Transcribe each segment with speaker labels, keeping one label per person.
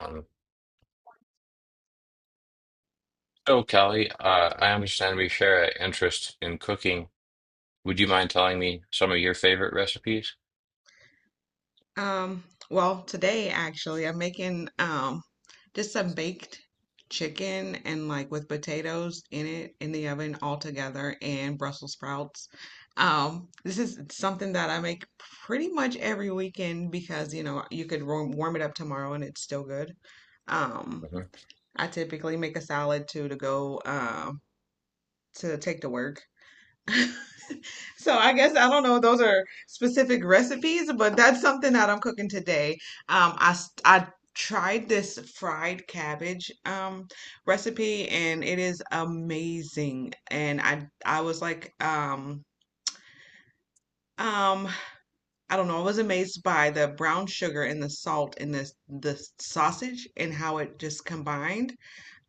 Speaker 1: Um, so, Kelly, I understand we share an interest in cooking. Would you mind telling me some of your favorite recipes?
Speaker 2: Um, well, today actually, I'm making just some baked chicken and like with potatoes in it in the oven all together and Brussels sprouts. This is something that I make pretty much every weekend because you could warm it up tomorrow and it's still good. Um,
Speaker 1: Mhm.
Speaker 2: I typically make a salad too to go to take to work. So I guess I don't know. Those are specific recipes, but that's something that I'm cooking today. I tried this fried cabbage recipe, and it is amazing. And I was like. Um, I don't know. I was amazed by the brown sugar and the salt in this the sausage and how it just combined.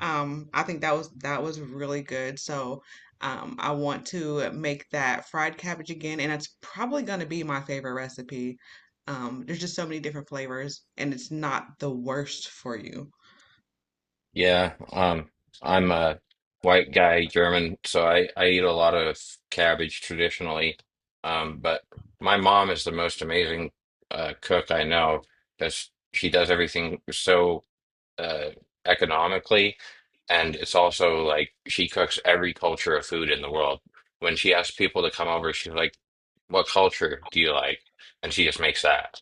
Speaker 2: I think that was really good. So, I want to make that fried cabbage again, and it's probably going to be my favorite recipe. There's just so many different flavors, and it's not the worst for you.
Speaker 1: Yeah, I'm a white guy, German, so I eat a lot of cabbage traditionally. But my mom is the most amazing cook I know because she does everything so uh, economically, and it's also like she cooks every culture of food in the world. When she asks people to come over, she's like, "What culture do you like?" And she just makes that.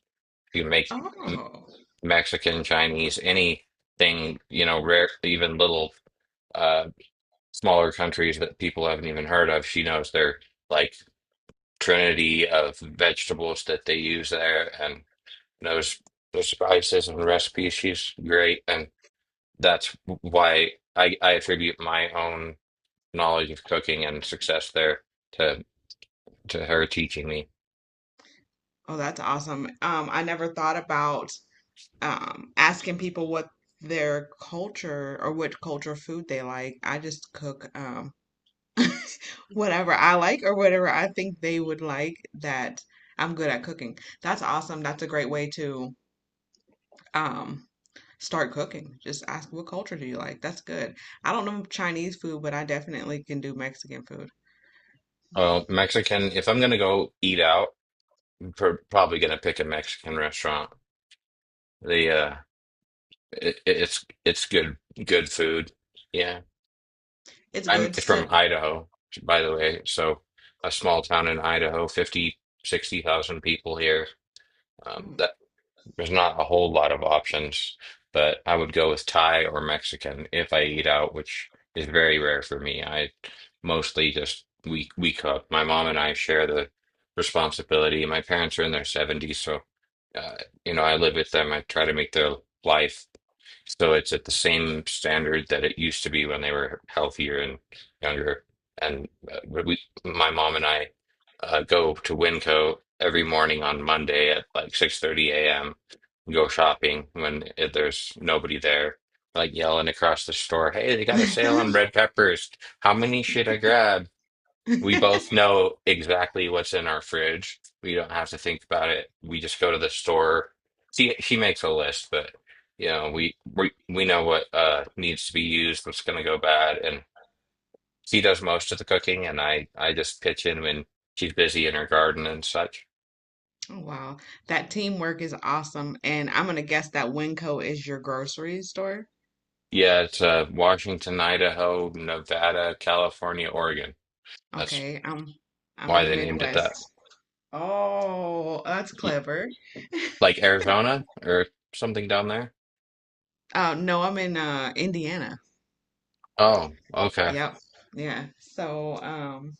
Speaker 1: You make.
Speaker 2: Oh,
Speaker 1: Mexican, Chinese, anything, you know, rare, even little uh, smaller countries that people haven't even heard of. She knows their like trinity of vegetables that they use there and knows the spices and recipes. She's great. And that's why I attribute my own knowledge of cooking and success there to to her teaching me.
Speaker 2: oh, that's awesome. I never thought about asking people what their culture or which culture food they like. I just cook. Whatever I like or whatever I think they would like that I'm good at cooking. That's awesome. That's a great way to um start cooking. Just ask, what culture do you like? That's good. I don't know Chinese food, but I definitely can do Mexican food.
Speaker 1: Oh, Mexican, if I'm gonna go eat out, I'm pr probably gonna pick a Mexican restaurant. The It's good good food. Yeah.
Speaker 2: It's
Speaker 1: I'm
Speaker 2: good.
Speaker 1: from Idaho, by the way. So a small town in Idaho, 50, 60,000 people here.
Speaker 2: Oh.
Speaker 1: That There's not a whole lot of options, but I would go with Thai or Mexican if I eat out, which is very rare for me. I mostly just we cook. My mom and I share the responsibility. My parents are in their 70s, so uh, you know, I live with them. I try to make their life so it's at the same standard that it used to be when they were healthier and younger. And we, my mom and I, go to Winco every morning on Monday at like 6:30 a.m. Go shopping when there's nobody there, like yelling across the store, "Hey, they got a sale on red peppers. How many should I grab?" We both know exactly what's in our fridge. We don't have to think about it. We just go to the store. She makes a list, but you know, we know what needs to be used, what's gonna go bad, and she does most of the cooking, and I just pitch in when she's busy in her garden and such.
Speaker 2: Wow, that teamwork is awesome. And I'm gonna guess that Winco is your grocery store.
Speaker 1: Yeah, it's Washington, Idaho, Nevada, California, Oregon. That's
Speaker 2: Okay, I'm
Speaker 1: why
Speaker 2: in the
Speaker 1: they named it
Speaker 2: Midwest.
Speaker 1: that.
Speaker 2: Oh, that's
Speaker 1: Y-
Speaker 2: clever.
Speaker 1: Like Arizona or something down there?
Speaker 2: No, I'm in Indiana.
Speaker 1: Oh, okay.
Speaker 2: Yep. Yeah. So,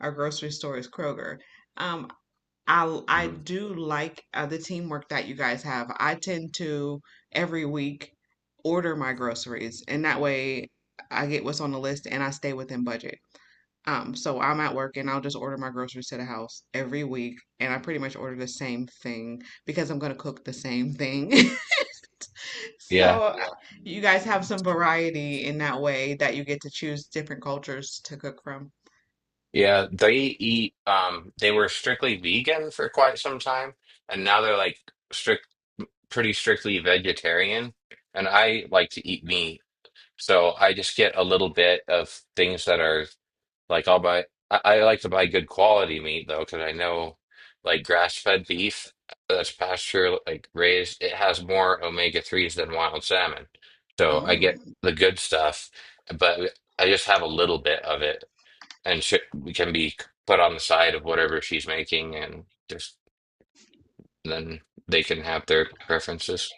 Speaker 2: our grocery store is Kroger. Um, I
Speaker 1: Mhm.
Speaker 2: do like the teamwork that you guys have. I tend to every week order my groceries, and that way I get what's on the list and I stay within budget. So I'm at work and I'll just order my groceries to the house every week, and I pretty much order the same thing because I'm gonna cook the same thing.
Speaker 1: Yeah.
Speaker 2: So, yeah, you guys have some variety in that way that you get to choose different cultures to cook from.
Speaker 1: Yeah, they eat they were strictly vegan for quite some time, and now they're like strict pretty strictly vegetarian, and I like to eat meat. So I just get a little bit of things that are like I like to buy good quality meat though, because I know like grass-fed beef that's pasture like raised, it has more omega-3s than wild salmon. So I get
Speaker 2: Mm.
Speaker 1: the good stuff, but I just have a little bit of it, and sh we can be put on the side of whatever she's making, and just then they can have their preferences.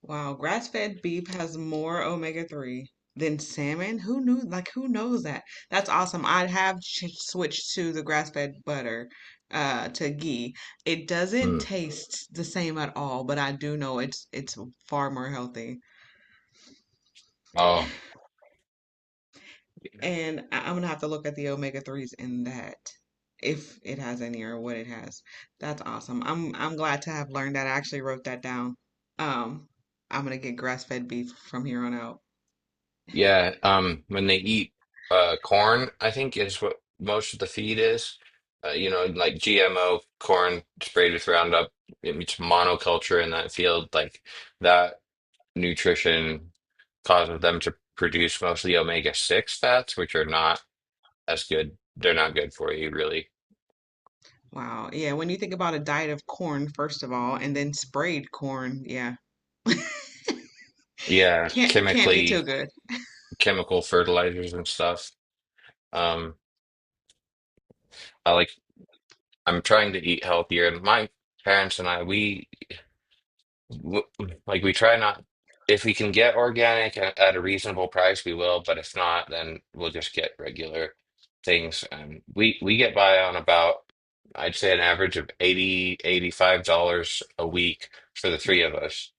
Speaker 2: Wow, grass-fed beef has more omega-3 than salmon. Who knew? Like, who knows that? That's awesome. I have ch switched to the grass-fed butter, to ghee. It doesn't
Speaker 1: Hmm.
Speaker 2: taste the same at all, but I do know it's far more healthy.
Speaker 1: Oh,
Speaker 2: And I'm gonna have to look at the omega threes in that if it has any or what it has. That's awesome. I'm glad to have learned that. I actually wrote that down. Um, I'm gonna get grass fed beef from here on out.
Speaker 1: yeah. When they eat corn, I think is what most of the feed is. You know, like GMO corn sprayed with Roundup, it's monoculture in that field. Like that nutrition causes them to produce mostly omega-6 fats, which are not as good. They're not good for you, really.
Speaker 2: Wow. Yeah, when you think about a diet of corn, first of all, and then sprayed corn, yeah,
Speaker 1: Yeah,
Speaker 2: can't be
Speaker 1: chemically.
Speaker 2: too good.
Speaker 1: Chemical fertilizers and stuff. Um, I like I'm trying to eat healthier, and my parents and I, w- like we try not. If we can get organic at a reasonable price, we will. But if not, then we'll just get regular things. And we get by on about I'd say an average of 80 85 dollars a week for the three of us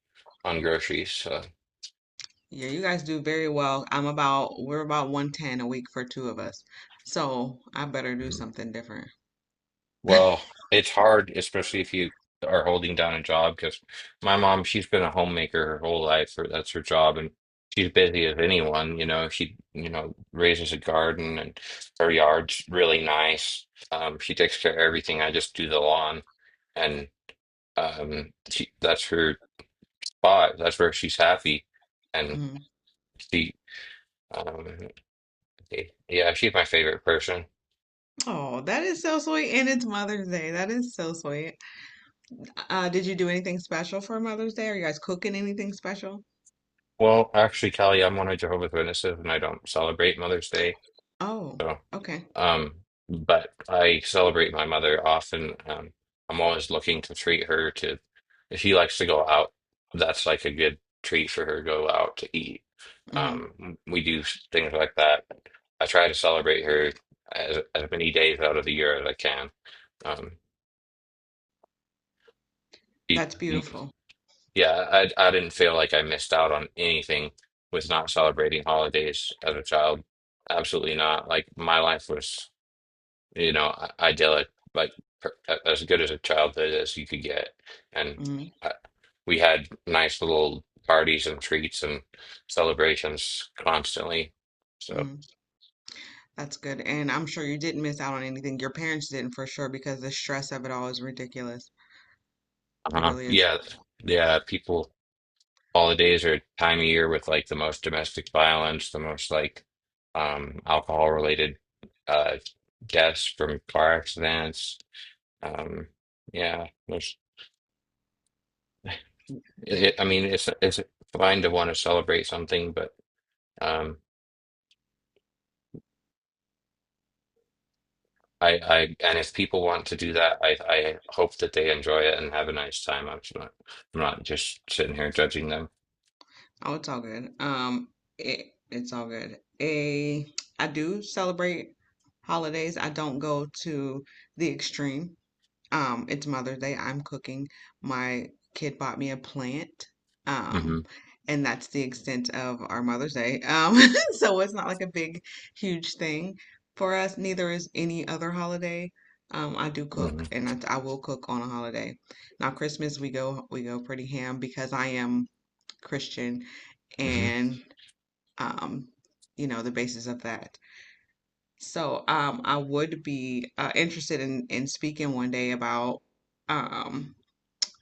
Speaker 1: on groceries. So.
Speaker 2: Yeah, you guys do very well. We're about 110 a week for two of us. So I better do something different.
Speaker 1: Well, it's hard, especially if you are holding down a job, because my mom, she's been a homemaker her whole life, or that's her job, and she's busy as anyone, you know. She, you know, raises a garden and her yard's really nice. She takes care of everything. I just do the lawn, and she, that's her spot. That's where she's happy, and
Speaker 2: Mm.
Speaker 1: she, um, yeah, she's my favorite person.
Speaker 2: Oh, that is so sweet. And it's Mother's Day. That is so sweet. Did you do anything special for Mother's Day? Are you guys cooking anything special?
Speaker 1: Well, actually, Kelly, I'm one of Jehovah's Witnesses, and I don't celebrate Mother's Day.
Speaker 2: Oh,
Speaker 1: so.
Speaker 2: okay.
Speaker 1: Um, but I celebrate my mother often. I'm always looking to treat her to, if she likes to go out, that's like a good treat for her, go out to eat.
Speaker 2: Hmm.
Speaker 1: We do things like that. I try to celebrate her as many days out of the year as I can. Um, e-
Speaker 2: That's beautiful.
Speaker 1: yeah, I didn't feel like I missed out on anything with not celebrating holidays as a child. Absolutely not. Like my life was, you know, idyllic, like as good as a childhood as you could get. And
Speaker 2: Mm-hmm.
Speaker 1: uh, we had nice little parties and treats and celebrations constantly. So,
Speaker 2: Mm-hmm. That's good. And I'm sure you didn't miss out on anything. Your parents didn't for sure because the stress of it all is ridiculous. It really is.
Speaker 1: yeah, yeah, people, holidays are a time of year with like the most domestic violence, the most like alcohol related uh, deaths from car accidents. Um, yeah,
Speaker 2: Yeah.
Speaker 1: I mean, it's fine to want to celebrate something, but. Um, and if people want to do that, I hope that they enjoy it and have a nice time. I'm not just sitting here judging them.
Speaker 2: Oh, it's all good. It's all good. I do celebrate holidays. I don't go to the extreme. It's Mother's Day. I'm cooking. My kid bought me a plant.
Speaker 1: Hmm.
Speaker 2: Um, and that's the extent of our Mother's Day. So it's not like a big, huge thing for us. Neither is any other holiday. I do cook
Speaker 1: Hmm.
Speaker 2: and I will cook on a holiday. Now Christmas we go pretty ham because I am Christian
Speaker 1: Hmm.
Speaker 2: and um, the basis of that. So I would be interested in speaking one day about um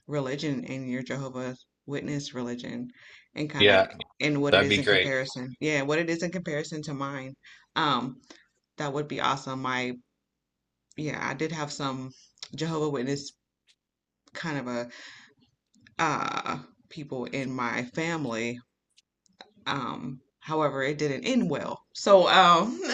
Speaker 2: religion and your Jehovah's Witness religion and kind of
Speaker 1: Yeah,
Speaker 2: and what it
Speaker 1: that'd
Speaker 2: is
Speaker 1: be
Speaker 2: in
Speaker 1: great.
Speaker 2: comparison. Yeah, what it is in comparison to mine. Um, that would be awesome. My Yeah, I did have some Jehovah Witness kind of a uh people in my family. However, it didn't end well. So.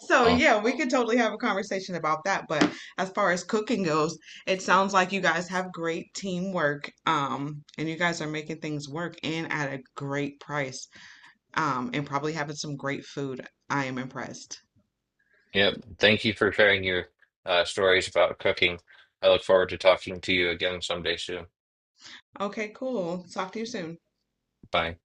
Speaker 2: So
Speaker 1: Oh,
Speaker 2: yeah, we could totally have a conversation about that. But as far as cooking goes, it sounds like you guys have great teamwork, and you guys are making things work and at a great price, and probably having some great food. I am impressed.
Speaker 1: yep. Thank you for sharing your stories about cooking. I look forward to talking to you again someday soon.
Speaker 2: Okay, cool. Talk to you soon.
Speaker 1: Bye.